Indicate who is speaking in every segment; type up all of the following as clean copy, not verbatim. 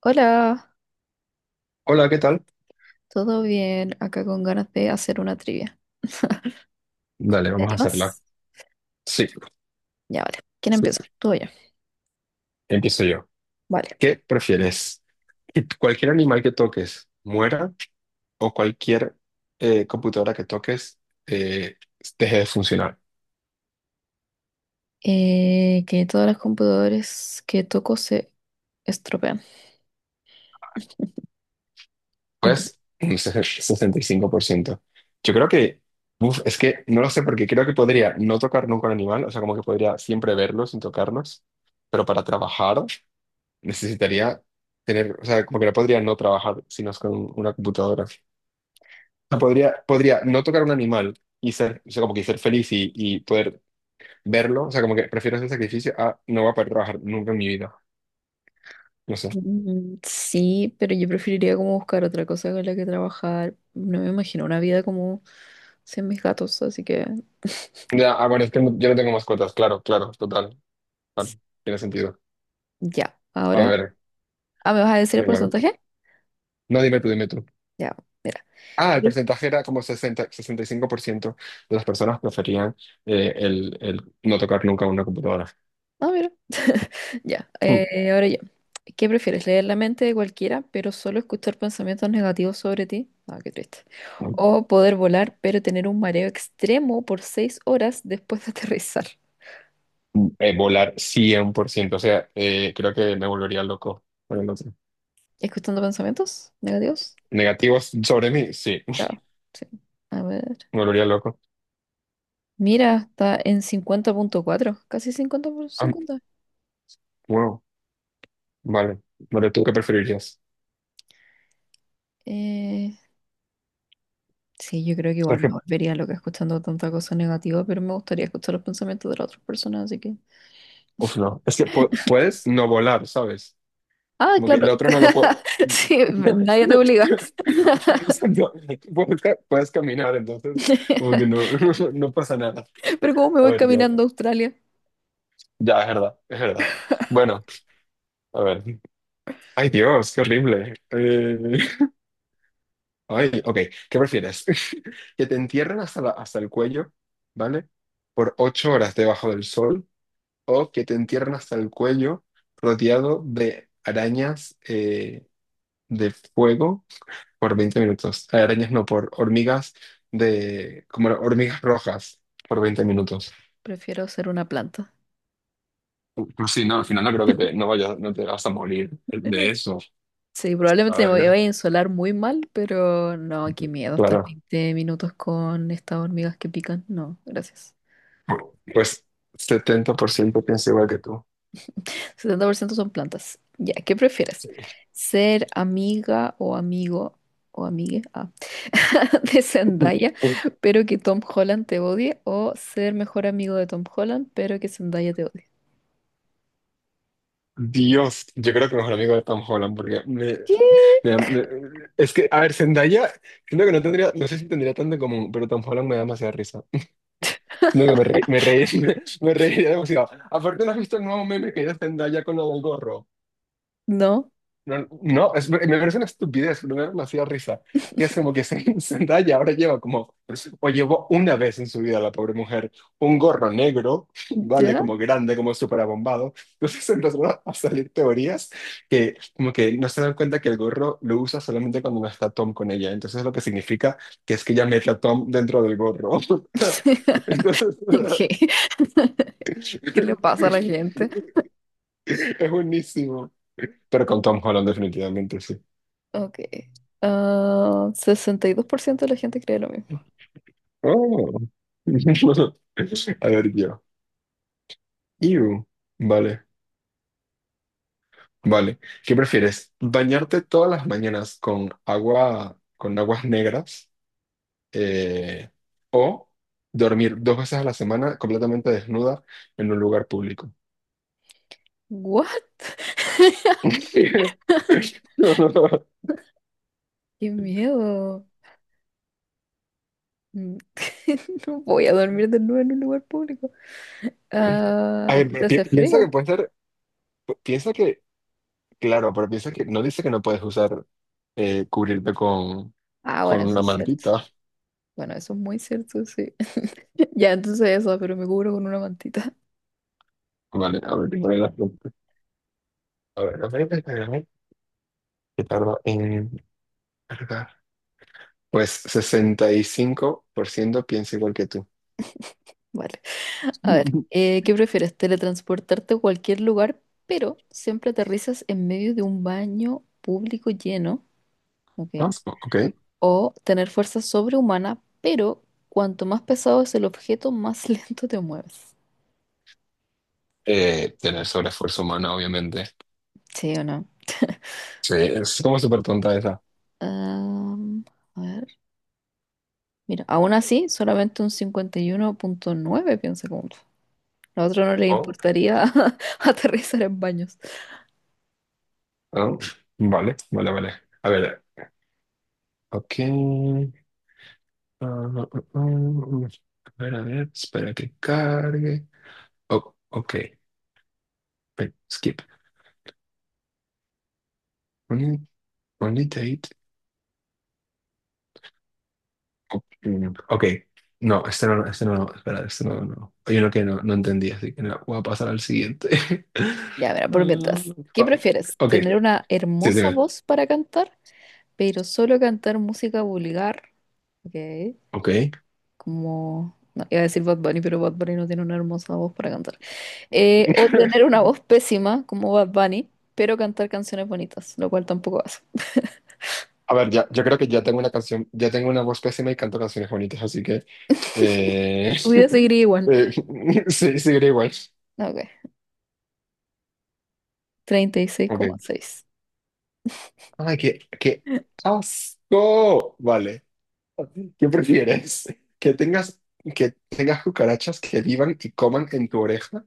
Speaker 1: Hola,
Speaker 2: Hola, ¿qué tal?
Speaker 1: ¿todo bien? Acá con ganas de hacer una trivia.
Speaker 2: Dale,
Speaker 1: ¿Te
Speaker 2: vamos a hacerla.
Speaker 1: animas?
Speaker 2: Sí,
Speaker 1: Ya, vale. ¿Quién
Speaker 2: sí,
Speaker 1: empieza? Tú o yo.
Speaker 2: empiezo yo.
Speaker 1: Vale.
Speaker 2: ¿Qué prefieres? ¿Que cualquier animal que toques muera o cualquier computadora que toques eh, deje de funcionar?
Speaker 1: Que todos los computadores que toco se estropean. ¿Y tú?
Speaker 2: Pues un 65%. Yo creo que, es que no lo sé porque creo que podría no tocar nunca un animal, o sea, como que podría siempre verlo sin tocarlos, pero para trabajar necesitaría tener, o sea, como que no podría no trabajar si no es con una computadora. Sea, podría no tocar un animal y ser, o sea, como que ser feliz y poder verlo. O sea, como que prefiero ese sacrificio a no voy a poder trabajar nunca en mi vida. No sé.
Speaker 1: Sí, pero yo preferiría como buscar otra cosa con la que trabajar. No me imagino una vida como sin mis gatos, así que
Speaker 2: Ya, ah, bueno, es que yo no tengo mascotas. Claro, claro, total. Vale,
Speaker 1: s-
Speaker 2: tiene sentido.
Speaker 1: ya.
Speaker 2: A
Speaker 1: Ahora,
Speaker 2: ver,
Speaker 1: ah, ¿me vas a decir el
Speaker 2: venga.
Speaker 1: porcentaje?
Speaker 2: No, dime tú.
Speaker 1: Ya, mira.
Speaker 2: Ah,
Speaker 1: ¿Qué
Speaker 2: el
Speaker 1: pref-
Speaker 2: porcentaje era como 60 65% de las personas preferían el no tocar nunca una computadora.
Speaker 1: Ah, mira. Ya,
Speaker 2: Mm,
Speaker 1: ahora yo. ¿Qué prefieres? ¿Leer la mente de cualquiera, pero solo escuchar pensamientos negativos sobre ti? Ah, qué triste.
Speaker 2: mm,
Speaker 1: O poder volar, pero tener un mareo extremo por 6 horas después de aterrizar.
Speaker 2: volar 100%. O sea, creo que me volvería loco con el otro.
Speaker 1: ¿Escuchando pensamientos negativos?
Speaker 2: ¿Negativos sobre mí? Sí.
Speaker 1: Claro, sí. A ver.
Speaker 2: Me volvería loco.
Speaker 1: Mira, está en 50,4, casi 50 por
Speaker 2: Ah,
Speaker 1: 50.
Speaker 2: wow, vale. Vale, ¿tú qué preferirías?
Speaker 1: Eh, sí, yo creo que
Speaker 2: O sea,
Speaker 1: igual me
Speaker 2: que,
Speaker 1: volvería loca escuchando tanta cosa negativa, pero me gustaría escuchar los pensamientos de las otras personas, así que...
Speaker 2: no. Es que puedes no volar, ¿sabes?
Speaker 1: Ah,
Speaker 2: Como que
Speaker 1: claro.
Speaker 2: el otro no lo puedo.
Speaker 1: Sí, nadie te obliga.
Speaker 2: Estoy pensando, puedes, puedes caminar, entonces, como que no, no pasa nada.
Speaker 1: Pero cómo me
Speaker 2: A
Speaker 1: voy
Speaker 2: ver, Dios.
Speaker 1: caminando a Australia,
Speaker 2: Ya, es verdad, es verdad. Bueno, a ver. Ay, Dios, qué horrible. Ay, ok, ¿qué prefieres? ¿Que te entierren hasta hasta el cuello, ¿vale? Por 8 horas debajo del sol o que te entierren hasta el cuello rodeado de arañas de fuego por 20 minutos. Arañas no, por hormigas de, como hormigas rojas por 20 minutos.
Speaker 1: prefiero ser una planta.
Speaker 2: Pues sí, no, al final no creo que te, no te vas a morir de eso.
Speaker 1: Sí,
Speaker 2: A
Speaker 1: probablemente me voy- vaya
Speaker 2: ver,
Speaker 1: a insolar muy mal, pero no, qué miedo estar
Speaker 2: claro.
Speaker 1: 20 minutos con estas hormigas que pican. No, gracias.
Speaker 2: Pues 70% piensa igual que tú.
Speaker 1: 70% son plantas. Ya, ¿qué prefieres?
Speaker 2: Sí.
Speaker 1: ¿Ser amiga o amigo o amigue ah, de Zendaya, pero que Tom Holland te odie? ¿O ser mejor amigo de Tom Holland, pero que Zendaya te odie?
Speaker 2: Dios, yo creo que mejor amigo de Tom Holland, porque me,
Speaker 1: ¿Qué?
Speaker 2: Me me- Es que, a ver, Zendaya, siento que no tendría, no sé si tendría tanto en común, pero Tom Holland me da demasiada risa. No, que me reí, me, reiría demasiado. Aparte, ¿no has visto el nuevo meme que es de Zendaya con lo del gorro?
Speaker 1: ¿No?
Speaker 2: No, no, me parece una estupidez, primero me hacía risa, que es como que se, Zendaya ahora lleva como, o llevó una vez en su vida la pobre mujer, un gorro negro, vale,
Speaker 1: ¿Ya?
Speaker 2: como grande, como súper abombado, entonces empezaron a salir teorías que como que no se dan cuenta que el gorro lo usa solamente cuando no está Tom con ella, entonces lo que significa que es que ella mete a Tom dentro del gorro, entonces
Speaker 1: ¿Qué? ¿Qué le pasa a la gente?
Speaker 2: es buenísimo, pero con Tom Holland definitivamente sí.
Speaker 1: Ok. Ah, 62% de la gente cree lo mismo.
Speaker 2: Oh. A ver, yo. Iu. Vale, vale. ¿Qué prefieres? ¿Bañarte todas las mañanas con agua, con aguas negras? eh, o dormir dos veces a la semana completamente desnuda en un lugar público.
Speaker 1: ¿What?
Speaker 2: No, no, no.
Speaker 1: ¡Qué miedo! Mm, No voy a dormir de nuevo en un lugar público. Ah,
Speaker 2: A ver,
Speaker 1: aparte
Speaker 2: pero
Speaker 1: hace
Speaker 2: piensa
Speaker 1: frío.
Speaker 2: que puede ser, pi- piensa que, claro, pero piensa que no dice que no puedes usar, cubrirte
Speaker 1: Ah,
Speaker 2: con
Speaker 1: bueno, eso
Speaker 2: una
Speaker 1: es cierto.
Speaker 2: mantita.
Speaker 1: Bueno, eso es muy cierto, sí. Ya, entonces eso, pero me cubro con una mantita.
Speaker 2: Vale, a ver, tengo las preguntas. A ver, a ver, a a ver, qué tardo. ¿Verdad? Pues 65% piensa igual que tú.
Speaker 1: Vale. A ver, ¿qué prefieres? ¿Teletransportarte a cualquier lugar, pero siempre aterrizas en medio de un baño público lleno? Ok.
Speaker 2: Ah, sí, ok.
Speaker 1: O tener fuerza sobrehumana, pero cuanto más pesado es el objeto, más lento te mueves.
Speaker 2: Tener sobreesfuerzo humano, obviamente.
Speaker 1: ¿Sí o no?
Speaker 2: Sí, es como súper tonta esa.
Speaker 1: Am, a ver. Mira, aún así, solamente un 51,9 piensa como tú. A otro no le
Speaker 2: Oh,
Speaker 1: importaría aterrizar en baños.
Speaker 2: oh, vale, vale, vale. A ver, ok. Ah, ah, ah, ah. ah. A ver, a ver, espera que cargue. Oh, ok. Ven, skip. Only, only date. Mm, ok, no, este no, espera, este no, no. Hay uno que no, no entendí, así que no, voy a pasar al siguiente.
Speaker 1: Ya, verá, por
Speaker 2: Ah,
Speaker 1: mientras. ¿Qué prefieres?
Speaker 2: ok,
Speaker 1: ¿Tener una
Speaker 2: sí,
Speaker 1: hermosa
Speaker 2: dime.
Speaker 1: voz para cantar, pero solo cantar música vulgar? Ok.
Speaker 2: Ok.
Speaker 1: Como... No, iba a decir Bad Bunny, pero Bad Bunny no tiene una hermosa voz para cantar. O tener una voz pésima como Bad Bunny, pero cantar canciones bonitas, lo cual tampoco hace.
Speaker 2: A ver, ya, yo creo que ya tengo una canción, ya tengo una voz pésima y canto canciones bonitas, así que eh,
Speaker 1: Tu vida seguiría igual.
Speaker 2: eh, sí, seguiré igual.
Speaker 1: No, ok,
Speaker 2: Ok.
Speaker 1: 36,6.
Speaker 2: Ay, qué asco. Vale. ¿Qué prefieres? ¿Que tengas, que tengas cucarachas que vivan y coman en tu oreja?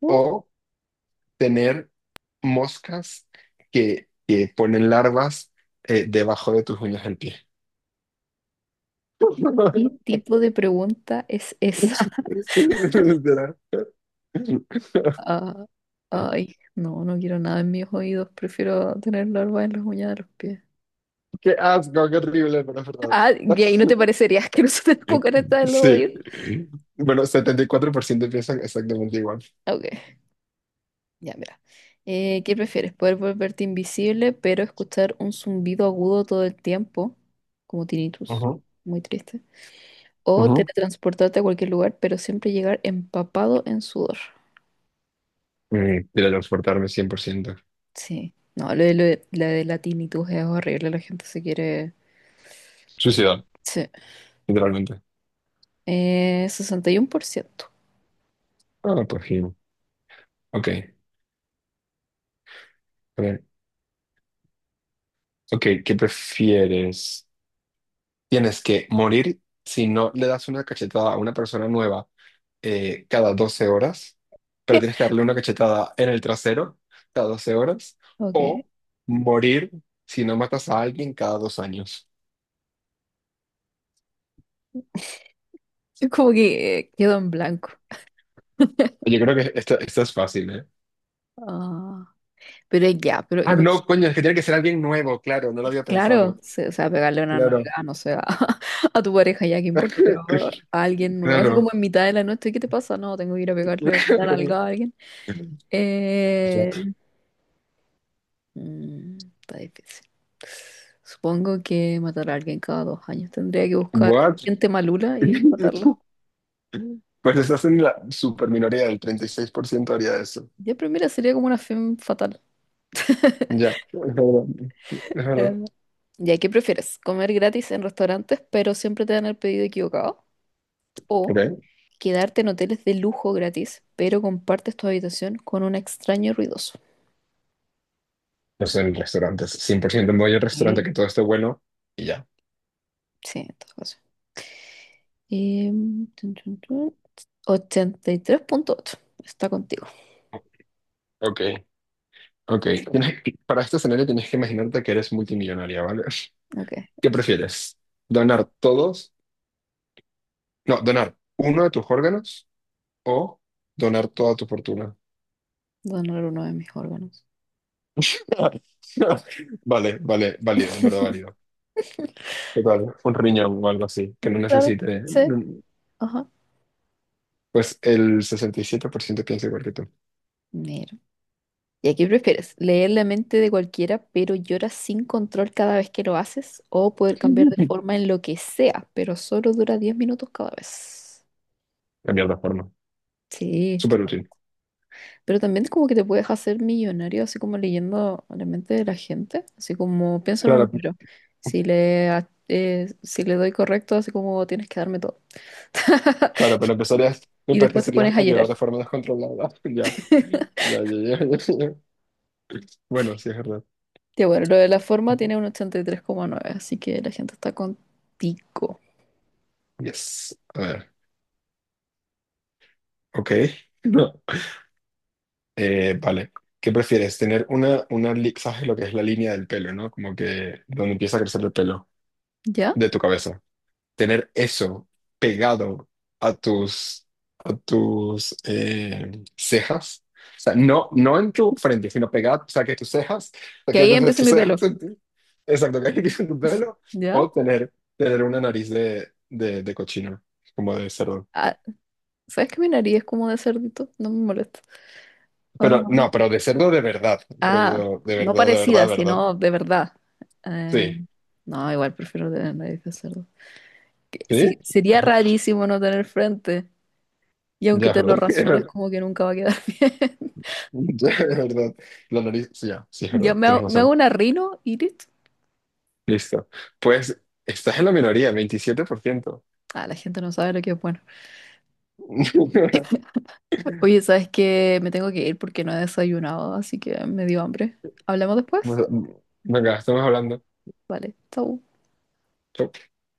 Speaker 1: What?
Speaker 2: O tener moscas que ponen larvas debajo de tus uñas del pie.
Speaker 1: ¿Qué tipo de pregunta es esa?
Speaker 2: Literal.
Speaker 1: Ah, ay, no, no quiero nada en mis oídos, prefiero tener larvas en las uñas de los pies.
Speaker 2: Qué asco, qué horrible, pero es verdad.
Speaker 1: Ah, y ahí no te parecería asqueroso tener cucaracha en los
Speaker 2: Sí.
Speaker 1: oídos.
Speaker 2: Bueno, 74% piensan exactamente igual.
Speaker 1: Ok. Ya, mira. ¿Qué prefieres? ¿Poder volverte invisible, pero escuchar un zumbido agudo todo el tiempo? Como tinnitus.
Speaker 2: Ajá,
Speaker 1: Muy triste. O
Speaker 2: ajá.
Speaker 1: teletransportarte a cualquier lugar, pero siempre llegar empapado en sudor.
Speaker 2: Teletransportarme 100%.
Speaker 1: Sí. No, lo de la tinnitus es horrible. La gente se quiere...
Speaker 2: Suicidar,
Speaker 1: Sí.
Speaker 2: literalmente.
Speaker 1: 61%.
Speaker 2: Ah, pues sí. Ok. A ver. Ok, ¿qué prefieres? Tienes que morir si no le das una cachetada a una persona nueva cada 12 horas, pero tienes que darle una cachetada en el trasero cada 12 horas,
Speaker 1: Ok. Es
Speaker 2: o morir si no matas a alguien cada 2 años.
Speaker 1: como que quedó en blanco.
Speaker 2: Yo creo que esto es fácil, ¿eh?
Speaker 1: Ah. Pero ya, pero
Speaker 2: Ah, no,
Speaker 1: imagínate.
Speaker 2: coño, es que tiene que ser alguien nuevo, claro, no lo había
Speaker 1: Claro,
Speaker 2: pensado.
Speaker 1: sí, o sea, pegarle una
Speaker 2: Claro.
Speaker 1: nalgada, no sé, a, a tu pareja ya, qué importa, pero a alguien nuevo, así como
Speaker 2: Claro.
Speaker 1: en mitad de la noche, ¿qué te pasa? No, tengo que ir a pegarle una nalgada a alguien.
Speaker 2: Ya.
Speaker 1: Eh, Está difícil. Supongo que matar a alguien cada 2 años. Tendría que buscar
Speaker 2: What?
Speaker 1: gente malula y matarla.
Speaker 2: Pues estás en la super minoría del 36% haría eso.
Speaker 1: Ya, pero mira, sería como una fin fatal.
Speaker 2: Ya, es verdad. Es verdad.
Speaker 1: Eh, ya, ¿qué prefieres? ¿Comer gratis en restaurantes, pero siempre te dan el pedido equivocado? ¿O
Speaker 2: Ok.
Speaker 1: quedarte en hoteles de lujo gratis, pero compartes tu habitación con un extraño ruidoso?
Speaker 2: Pues en restaurantes, 100% me voy al restaurante
Speaker 1: Eh,
Speaker 2: que todo esté bueno y ya.
Speaker 1: Sí, en todo caso. Tun, tun, tun. 83,8. Está contigo.
Speaker 2: Ok, ok. Tienes que- para este escenario tienes que imaginarte que eres multimillonaria, ¿vale?
Speaker 1: Ok.
Speaker 2: ¿Qué prefieres? ¿Donar todos? No, donar uno de tus órganos o donar toda tu fortuna.
Speaker 1: Donar uno de mis órganos.
Speaker 2: Vale, vale, válido, en verdad válido. Total, un riñón o algo así, que no
Speaker 1: Claro,
Speaker 2: necesite. No,
Speaker 1: sí. Ajá.
Speaker 2: pues el 67% piensa igual que tú.
Speaker 1: Mira. ¿Y aquí prefieres? ¿Leer la mente de cualquiera, pero lloras sin control cada vez que lo haces? ¿O poder cambiar de forma en lo que sea, pero solo dura 10 minutos cada vez?
Speaker 2: Cambiar de forma.
Speaker 1: Sí, tú.
Speaker 2: Súper útil.
Speaker 1: Pero también como que te puedes hacer millonario así como leyendo la mente de la gente, así como pienso en un
Speaker 2: Claro,
Speaker 1: número. Si le doy correcto, así como tienes que darme todo.
Speaker 2: claro, pero
Speaker 1: Y, y después te
Speaker 2: empezarías
Speaker 1: pones a
Speaker 2: a llorar
Speaker 1: llorar.
Speaker 2: de forma descontrolada. Ya, ya. Bueno, sí, es verdad.
Speaker 1: Ya bueno, lo de la forma tiene un 83,9 así que la gente está contigo.
Speaker 2: Yes. A ver, ok. No. Vale. ¿Qué prefieres? Tener ¿sabes lo que es la línea del pelo, no? Como que donde empieza a crecer el pelo
Speaker 1: ¿Ya?
Speaker 2: de tu cabeza. Tener eso pegado a tus, a tus cejas. O sea, no, no en tu frente, sino pegado, o sea, que tus cejas, o sea,
Speaker 1: Que
Speaker 2: que
Speaker 1: ahí
Speaker 2: desde
Speaker 1: empieza
Speaker 2: tus
Speaker 1: mi
Speaker 2: cejas,
Speaker 1: pelo.
Speaker 2: exacto, que aquí en tu pelo,
Speaker 1: ¿Ya?
Speaker 2: o tener una nariz de cochino, como de cerdo.
Speaker 1: Ah, ¿sabes que mi nariz es como de cerdito? No me molesta.
Speaker 2: Pero
Speaker 1: Ah,
Speaker 2: no, pero de cerdo de verdad,
Speaker 1: Ah,
Speaker 2: rollo de
Speaker 1: no
Speaker 2: verdad, de verdad,
Speaker 1: parecida,
Speaker 2: de verdad.
Speaker 1: sino de verdad. Eh,
Speaker 2: Sí,
Speaker 1: no, igual prefiero tener nariz de cerdo.
Speaker 2: sí,
Speaker 1: Sí, sería rarísimo no tener frente. Y aunque
Speaker 2: ya,
Speaker 1: te lo rasures
Speaker 2: ¿verdad?
Speaker 1: como que nunca va a quedar bien.
Speaker 2: Ya, es verdad. La nariz, sí, ya, sí, es
Speaker 1: Yo
Speaker 2: verdad,
Speaker 1: me
Speaker 2: tienes
Speaker 1: hago, me hago
Speaker 2: razón.
Speaker 1: una rino y listo.
Speaker 2: Listo. Pues estás en la minoría, 27%.
Speaker 1: Ah, la gente no sabe lo que es bueno. Oye, ¿sabes qué? Me tengo que ir porque no he desayunado, así que me dio hambre. ¿Hablamos después?
Speaker 2: Venga, estamos hablando.
Speaker 1: Vale, chau.
Speaker 2: Chau.